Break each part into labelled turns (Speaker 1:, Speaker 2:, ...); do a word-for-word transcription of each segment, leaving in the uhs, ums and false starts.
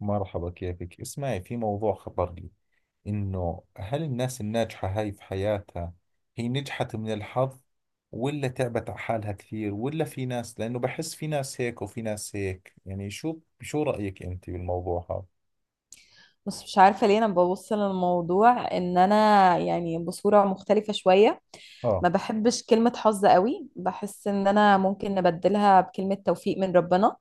Speaker 1: مرحبا، كيفك. اسمعي، في موضوع خطر لي، إنه هل الناس الناجحة هاي في حياتها هي نجحت من الحظ ولا تعبت على حالها كثير، ولا في ناس؟ لأنه بحس في ناس هيك وفي ناس هيك. يعني شو شو رأيك أنت بالموضوع هذا؟
Speaker 2: بس مش عارفة ليه أنا ببص للموضوع إن أنا يعني بصورة مختلفة شوية. ما
Speaker 1: آه
Speaker 2: بحبش كلمة حظ قوي، بحس إن أنا ممكن نبدلها بكلمة توفيق من ربنا.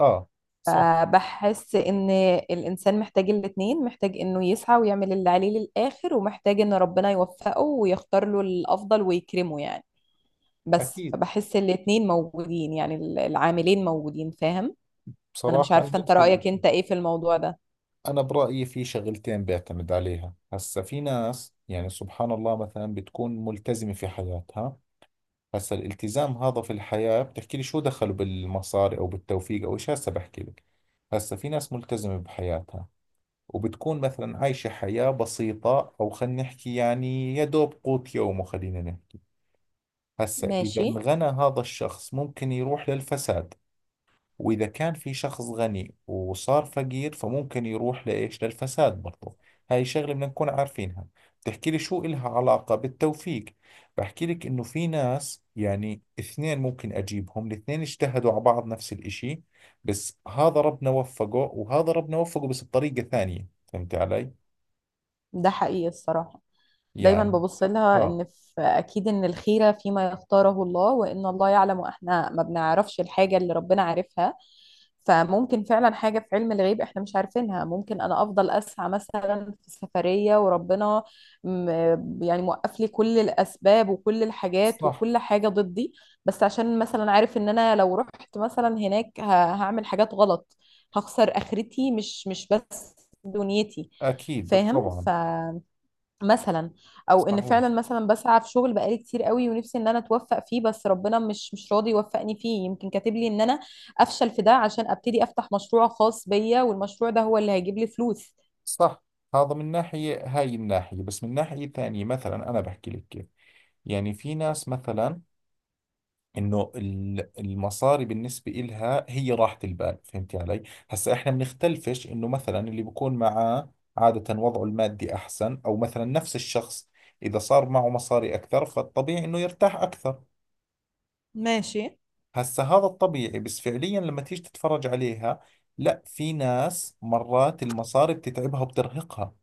Speaker 1: آه صح.
Speaker 2: فبحس إن الإنسان محتاج الاتنين، محتاج إنه يسعى ويعمل اللي عليه للآخر، ومحتاج إن ربنا يوفقه ويختار له الأفضل ويكرمه يعني. بس
Speaker 1: أكيد.
Speaker 2: فبحس الاتنين موجودين يعني، العاملين موجودين، فاهم؟ أنا مش
Speaker 1: بصراحة أنا
Speaker 2: عارفة أنت
Speaker 1: نفس الشيء.
Speaker 2: رأيك أنت إيه في الموضوع ده.
Speaker 1: أنا برأيي في شغلتين بعتمد عليها. هسا في ناس، يعني سبحان الله، مثلا بتكون ملتزمة في حياتها. هسا الالتزام هذا في الحياة، بتحكي لي شو دخله بالمصاري أو بالتوفيق أو إيش؟ هسا بحكي لك، هسا في ناس ملتزمة بحياتها، وبتكون مثلا عايشة حياة بسيطة، أو خلينا نحكي يعني يا دوب قوت يومه خلينا نحكي. هسا إذا
Speaker 2: ماشي.
Speaker 1: انغنى هذا الشخص ممكن يروح للفساد، وإذا كان في شخص غني وصار فقير فممكن يروح لإيش؟ للفساد برضو. هاي شغلة بدنا نكون عارفينها. بتحكي لي شو إلها علاقة بالتوفيق؟ بحكي لك إنه في ناس، يعني اثنين ممكن أجيبهم الاثنين اجتهدوا على بعض نفس الإشي، بس هذا ربنا وفقه وهذا ربنا وفقه بس بطريقة ثانية. فهمت علي؟
Speaker 2: ده حقيقي الصراحة. دايما
Speaker 1: يعني.
Speaker 2: ببص لها
Speaker 1: آه.
Speaker 2: ان في اكيد ان الخيره فيما يختاره الله، وان الله يعلم واحنا ما بنعرفش الحاجه اللي ربنا عارفها. فممكن فعلا حاجه في علم الغيب احنا مش عارفينها. ممكن انا افضل اسعى مثلا في سفريه وربنا م- يعني موقف لي كل الاسباب وكل الحاجات
Speaker 1: صح.
Speaker 2: وكل حاجه ضدي، بس عشان مثلا عارف ان انا لو رحت مثلا هناك ه- هعمل حاجات غلط، هخسر اخرتي مش مش بس دنيتي.
Speaker 1: أكيد
Speaker 2: فاهم؟ ف
Speaker 1: طبعا.
Speaker 2: مثلا او ان
Speaker 1: صحيح.
Speaker 2: فعلا مثلا بسعى في شغل بقالي كتير قوي ونفسي ان انا اتوفق فيه، بس ربنا مش مش راضي يوفقني فيه. يمكن كاتب لي ان انا افشل في ده عشان ابتدي افتح مشروع خاص بيا، والمشروع ده هو اللي هيجيب لي فلوس.
Speaker 1: صح. هذا من ناحية هاي الناحية، بس من ناحية ثانية مثلا أنا بحكي لك كيف. يعني في ناس مثلا إنه ال- المصاري بالنسبة إلها هي راحة البال، فهمتي علي؟ هسا إحنا بنختلفش إنه مثلا اللي بكون معاه عادة وضعه المادي أحسن، أو مثلا نفس الشخص إذا صار معه مصاري أكثر فالطبيعي إنه يرتاح أكثر.
Speaker 2: ماشي.
Speaker 1: هسا هذا الطبيعي، بس فعليا لما تيجي تتفرج عليها، لا، في ناس مرات المصاري بتتعبها وبترهقها.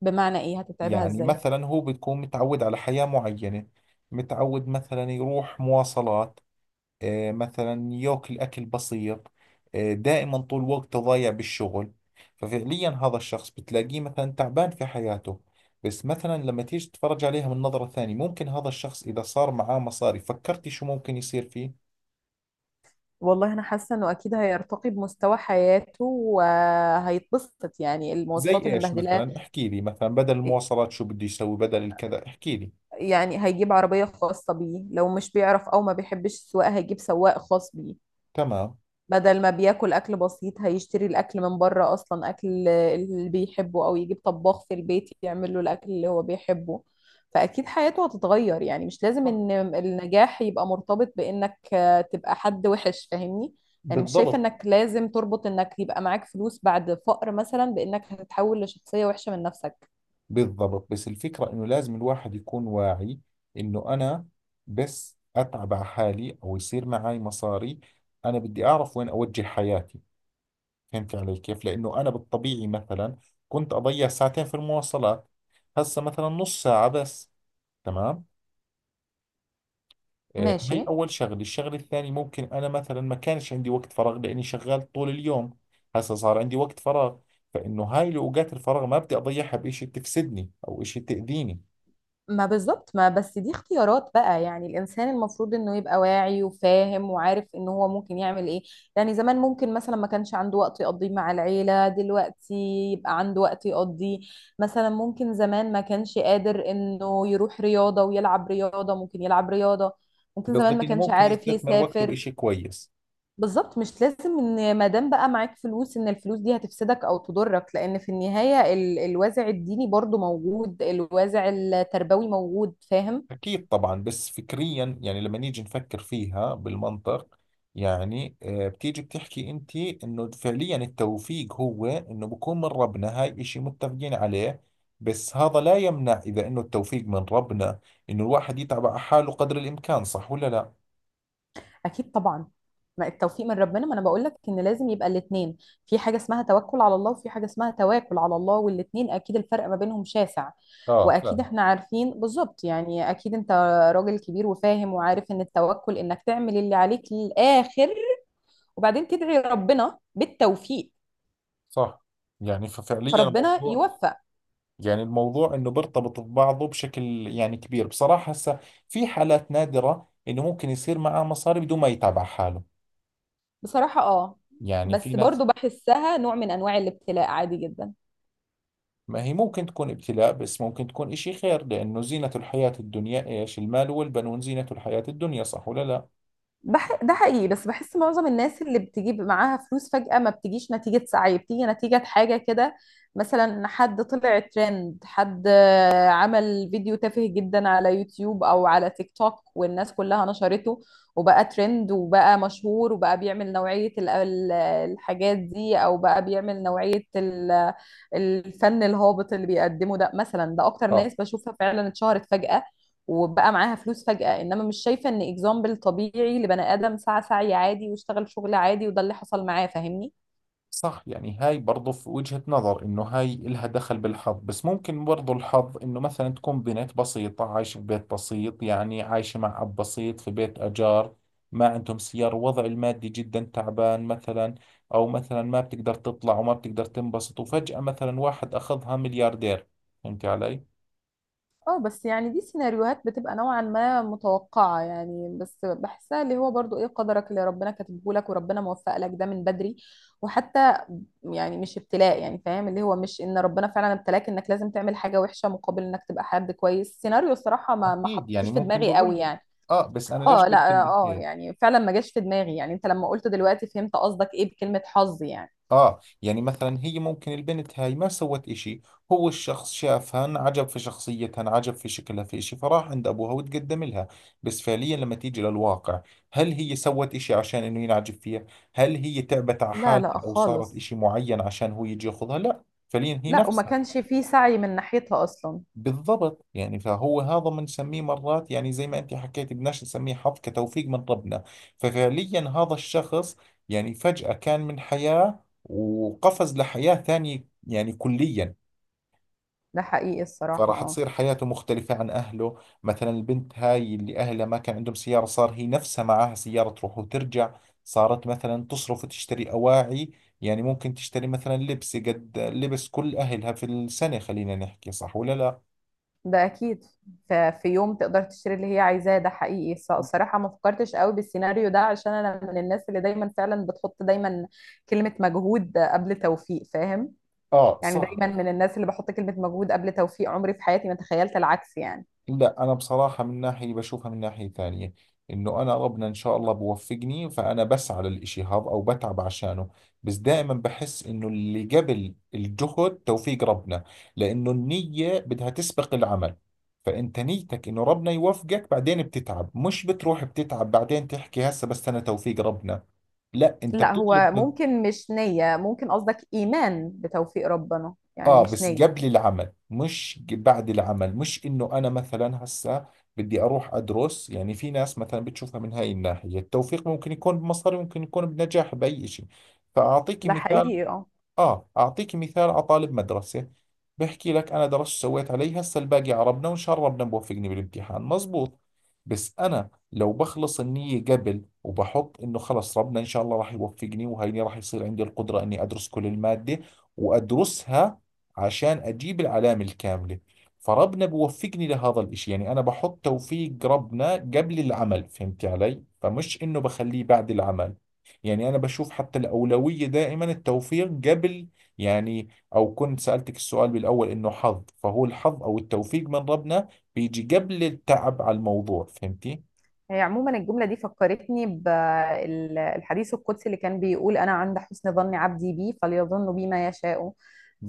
Speaker 2: بمعنى ايه؟ هتتعبها
Speaker 1: يعني
Speaker 2: ازاي؟
Speaker 1: مثلا هو بتكون متعود على حياة معينة، متعود مثلا يروح مواصلات، آه، مثلا ياكل أكل بسيط، آه، دائما طول وقته ضايع بالشغل. ففعليا هذا الشخص بتلاقيه مثلا تعبان في حياته. بس مثلا لما تيجي تتفرج عليها من نظرة ثانية، ممكن هذا الشخص إذا صار معاه مصاري، فكرتي شو ممكن يصير فيه؟
Speaker 2: والله انا حاسه انه اكيد هيرتقي بمستوى حياته وهيتبسط، يعني
Speaker 1: زي
Speaker 2: المواصلات اللي
Speaker 1: إيش
Speaker 2: مبهدلاه
Speaker 1: مثلا، احكي لي، مثلا بدل المواصلات شو بده يسوي، بدل الكذا، احكي لي.
Speaker 2: يعني هيجيب عربيه خاصه بيه، لو مش بيعرف او ما بيحبش السواقه هيجيب سواق خاص بيه.
Speaker 1: تمام.
Speaker 2: بدل ما بياكل اكل بسيط هيشتري الاكل من بره، اصلا اكل اللي بيحبه، او يجيب طباخ في البيت يعمل له الاكل اللي هو بيحبه. فاكيد حياته هتتغير. يعني مش لازم
Speaker 1: صح.
Speaker 2: ان النجاح يبقى مرتبط بانك تبقى حد وحش، فاهمني؟ يعني مش شايفة
Speaker 1: بالضبط.
Speaker 2: انك لازم تربط انك يبقى معاك فلوس بعد فقر مثلا بانك هتتحول لشخصية وحشة من نفسك.
Speaker 1: بالضبط، بس الفكرة إنه لازم الواحد يكون واعي، إنه أنا بس أتعب على حالي أو يصير معي مصاري، أنا بدي أعرف وين أوجه حياتي. فهمت علي كيف؟ لأنه أنا بالطبيعي مثلا كنت أضيع ساعتين في المواصلات، هسه مثلا نص ساعة بس، تمام؟ آه،
Speaker 2: ماشي.
Speaker 1: هي أول شغلة. الشغلة الثانية، ممكن أنا مثلا ما كانش عندي وقت فراغ لأني شغال طول اليوم، هسه صار عندي وقت فراغ. فإنه هاي الأوقات الفراغ ما بدي أضيعها بإشي تفسدني أو إشي تأذيني.
Speaker 2: ما بالظبط، ما بس دي اختيارات بقى. يعني الانسان المفروض انه يبقى واعي وفاهم وعارف ان هو ممكن يعمل ايه. يعني زمان ممكن مثلا ما كانش عنده وقت يقضيه مع العيلة، دلوقتي يبقى عنده وقت يقضيه. مثلا ممكن زمان ما كانش قادر انه يروح رياضة ويلعب رياضة، ممكن يلعب رياضة. ممكن زمان
Speaker 1: قصدك
Speaker 2: ما
Speaker 1: انه
Speaker 2: كانش
Speaker 1: ممكن
Speaker 2: عارف
Speaker 1: يستثمر وقته
Speaker 2: يسافر.
Speaker 1: بإشي كويس.
Speaker 2: بالظبط، مش لازم ان ما دام بقى معاك فلوس ان الفلوس دي هتفسدك او تضرك، لان في النهايه ال... الوازع الديني برضو موجود، الوازع التربوي موجود، فاهم؟
Speaker 1: اكيد طبعا. بس فكريا يعني لما نيجي نفكر فيها بالمنطق، يعني آه، بتيجي بتحكي انت انه فعليا التوفيق هو انه بكون من ربنا، هاي إشي متفقين عليه. بس هذا لا يمنع، اذا انه التوفيق من ربنا، انه الواحد يتعب على حاله قدر الامكان، صح ولا لا؟
Speaker 2: اكيد طبعا. ما التوفيق من ربنا، ما انا بقول لك ان لازم يبقى الاثنين. في حاجه اسمها توكل على الله، وفي حاجه اسمها تواكل على الله، والاثنين اكيد الفرق ما بينهم شاسع.
Speaker 1: اه،
Speaker 2: واكيد
Speaker 1: فاهم.
Speaker 2: احنا عارفين بالظبط. يعني اكيد انت راجل كبير وفاهم وعارف ان التوكل انك تعمل اللي عليك للاخر، وبعدين تدعي ربنا بالتوفيق،
Speaker 1: صح. يعني ففعليا
Speaker 2: فربنا
Speaker 1: الموضوع،
Speaker 2: يوفق.
Speaker 1: يعني الموضوع انه بيرتبط ببعضه بشكل يعني كبير بصراحة. هسه في حالات نادرة انه ممكن يصير معاه مصاري بدون ما يتعب على حاله،
Speaker 2: بصراحة اه.
Speaker 1: يعني في
Speaker 2: بس برضو
Speaker 1: ناس.
Speaker 2: بحسها نوع من انواع الابتلاء، عادي جدا.
Speaker 1: ما هي ممكن تكون ابتلاء، بس ممكن تكون اشي خير، لانه زينة الحياة الدنيا ايش؟ المال والبنون زينة الحياة الدنيا، صح ولا لا؟
Speaker 2: بح... ده حقيقي، بس بحس معظم الناس اللي بتجيب معاها فلوس فجأة ما بتجيش نتيجة سعي، بتيجي نتيجة حاجة كده. مثلا حد طلع ترند، حد آه، عمل فيديو تافه جدا على يوتيوب او على تيك توك والناس كلها نشرته، وبقى ترند وبقى مشهور، وبقى بيعمل نوعية ال- ال- الحاجات دي، او بقى بيعمل نوعية ال- الفن الهابط اللي بيقدمه ده. مثلا ده اكتر ناس
Speaker 1: اه.
Speaker 2: بشوفها فعلا اتشهرت فجأة وبقى معاها فلوس فجأة، انما مش شايفة ان اكزامبل طبيعي لبني ادم سعى سعي عادي واشتغل شغل عادي وده اللي حصل معاه. فاهمني؟
Speaker 1: صح. يعني هاي برضو في وجهة نظر انه هاي إلها دخل بالحظ، بس ممكن برضو الحظ انه مثلا تكون بنت بسيطة عايشة ببيت بسيط، يعني عايشة مع اب بسيط في بيت اجار، ما عندهم سيارة، وضع المادي جدا تعبان مثلا، او مثلا ما بتقدر تطلع وما بتقدر تنبسط، وفجأة مثلا واحد اخذها ملياردير. فهمت علي؟
Speaker 2: اه بس يعني دي سيناريوهات بتبقى نوعا ما متوقعة يعني. بس بحسها اللي هو برضو ايه، قدرك اللي ربنا كاتبه لك وربنا موفق لك ده من بدري. وحتى يعني مش ابتلاء يعني، فاهم؟ اللي هو مش ان ربنا فعلا ابتلاك انك لازم تعمل حاجة وحشة مقابل انك تبقى حد كويس. السيناريو الصراحة ما ما
Speaker 1: اكيد.
Speaker 2: حطوش
Speaker 1: يعني
Speaker 2: في
Speaker 1: ممكن
Speaker 2: دماغي
Speaker 1: بقول
Speaker 2: قوي
Speaker 1: لك
Speaker 2: يعني.
Speaker 1: اه، بس انا ليش
Speaker 2: اه،
Speaker 1: قلت
Speaker 2: لا،
Speaker 1: لك
Speaker 2: اه. آه،
Speaker 1: هيك؟
Speaker 2: يعني فعلا ما جاش في دماغي. يعني انت لما قلت دلوقتي فهمت قصدك ايه بكلمة حظ يعني.
Speaker 1: آه يعني مثلا هي ممكن البنت هاي ما سوت إشي، هو الشخص شافها انعجب في شخصيتها، انعجب في شكلها، في إشي، فراح عند أبوها وتقدم لها. بس فعليا لما تيجي للواقع، هل هي سوت إشي عشان إنه ينعجب فيها؟ هل هي تعبت على
Speaker 2: لا
Speaker 1: حالها
Speaker 2: لا
Speaker 1: أو صارت
Speaker 2: خالص.
Speaker 1: إشي معين عشان هو يجي ياخذها؟ لا. فعليا هي
Speaker 2: لا، وما
Speaker 1: نفسها.
Speaker 2: كانش فيه سعي من ناحيتها اصلا.
Speaker 1: بالضبط. يعني فهو هذا بنسميه مرات، يعني زي ما انت حكيت، بدناش نسميه حظ كتوفيق من ربنا. ففعليا هذا الشخص يعني فجأة كان من حياة وقفز لحياة ثانية يعني كليا.
Speaker 2: ده حقيقي الصراحة
Speaker 1: فراح
Speaker 2: اه.
Speaker 1: تصير حياته مختلفة عن أهله. مثلا البنت هاي اللي أهلها ما كان عندهم سيارة، صار هي نفسها معاها سيارة تروح وترجع، صارت مثلا تصرف وتشتري أواعي. يعني ممكن تشتري مثلا لبس قد لبس كل أهلها في السنة، خلينا نحكي، صح ولا لا؟
Speaker 2: ده اكيد. ف- في يوم تقدر تشتري اللي هي عايزاه. ده حقيقي الص- الصراحه ما فكرتش قوي بالسيناريو ده، عشان انا من الناس اللي دايما فعلا بتحط دايما كلمه مجهود قبل توفيق، فاهم؟
Speaker 1: آه.
Speaker 2: يعني
Speaker 1: صح.
Speaker 2: دايما من الناس اللي بحط كلمه مجهود قبل توفيق. عمري في حياتي ما تخيلت العكس يعني.
Speaker 1: لا، أنا بصراحة من ناحية بشوفها من ناحية ثانية، إنه أنا ربنا إن شاء الله بوفقني، فأنا بسعى للإشي هذا أو بتعب عشانه، بس دائما بحس إنه اللي قبل الجهد توفيق ربنا، لأنه النية بدها تسبق العمل. فأنت نيتك إنه ربنا يوفقك، بعدين بتتعب، مش بتروح بتتعب بعدين تحكي هسه بس أنا توفيق ربنا، لا، أنت
Speaker 2: لا، هو
Speaker 1: بتطلب.
Speaker 2: ممكن مش نيه، ممكن قصدك ايمان بتوفيق ربنا، يعني
Speaker 1: اه،
Speaker 2: مش
Speaker 1: بس
Speaker 2: نيه.
Speaker 1: قبل العمل، مش ج- بعد العمل. مش انه انا مثلا هسه بدي اروح ادرس. يعني في ناس مثلا بتشوفها من هاي الناحية، التوفيق ممكن يكون بمصاري، ممكن يكون بنجاح، باي شيء. فاعطيكي
Speaker 2: ده
Speaker 1: مثال.
Speaker 2: حقيقي اه.
Speaker 1: آه، أعطيك مثال على طالب مدرسة. بحكي لك أنا درست سويت علي، هسا الباقي عربنا، وإن شاء الله ربنا بوفقني بالامتحان، مزبوط. بس أنا لو بخلص النية قبل، وبحط إنه خلص ربنا إن شاء الله راح يوفقني، وهيني راح يصير عندي القدرة إني أدرس كل المادة وأدرسها عشان أجيب العلامة الكاملة، فربنا بوفقني لهذا الإشي. يعني أنا بحط توفيق ربنا قبل العمل، فهمت علي؟ فمش إنه بخليه بعد العمل. يعني انا بشوف حتى الاولويه دائما التوفيق قبل. يعني او كنت سالتك السؤال بالاول انه حظ، فهو الحظ او التوفيق من ربنا بيجي قبل التعب على الموضوع، فهمتي؟
Speaker 2: هي عموما الجملة دي فكرتني بالحديث القدسي اللي كان بيقول: أنا عند حسن ظن عبدي بي فليظن بي ما يشاء.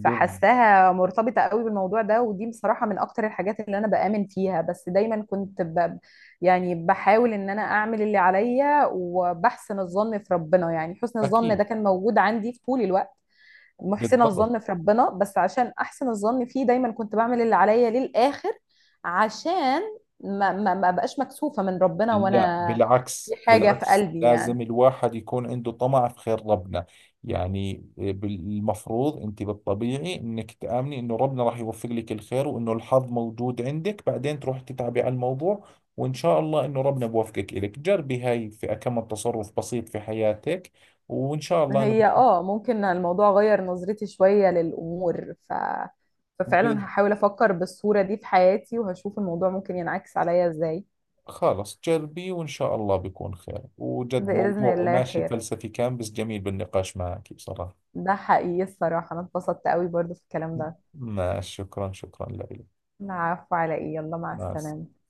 Speaker 1: بال-
Speaker 2: فحساها مرتبطة قوي بالموضوع ده، ودي بصراحة من أكتر الحاجات اللي أنا بآمن فيها. بس دايما كنت ب... يعني بحاول إن أنا أعمل اللي عليا وبحسن الظن في ربنا. يعني حسن الظن
Speaker 1: اكيد.
Speaker 2: ده كان موجود عندي في طول الوقت، محسنه
Speaker 1: بالضبط.
Speaker 2: الظن في ربنا. بس عشان احسن الظن فيه دايما كنت بعمل اللي عليا للاخر، عشان ما ما ما بقاش مكسوفه من ربنا
Speaker 1: لا
Speaker 2: وانا في
Speaker 1: بالعكس،
Speaker 2: حاجه في
Speaker 1: بالعكس،
Speaker 2: قلبي
Speaker 1: لازم
Speaker 2: يعني.
Speaker 1: الواحد يكون عنده طمع في خير ربنا. يعني آه، بالمفروض انت بالطبيعي انك تآمني انه ربنا راح يوفق لك الخير، وانه الحظ موجود عندك، بعدين تروح تتعبي على الموضوع، وان شاء الله انه ربنا بوفقك إلك. جربي هاي في كم تصرف بسيط في حياتك، وان شاء الله انه
Speaker 2: هي
Speaker 1: بت-
Speaker 2: اه، ممكن الموضوع غير نظرتي شويه للامور. ف
Speaker 1: ب-
Speaker 2: ففعلا هحاول افكر بالصوره دي في حياتي وهشوف الموضوع ممكن ينعكس عليا ازاي.
Speaker 1: خلص جربي، وان شاء الله بيكون خير. وجد
Speaker 2: باذن
Speaker 1: موضوع
Speaker 2: الله
Speaker 1: ماشي،
Speaker 2: خير.
Speaker 1: فلسفي كان بس جميل بالنقاش معك بصراحة.
Speaker 2: ده حقيقي الصراحه انا اتبسطت قوي برضو في الكلام ده.
Speaker 1: ماشي. شكرا، شكرا لك.
Speaker 2: العفو على ايه، يلا مع
Speaker 1: مع السلامة.
Speaker 2: السلامه.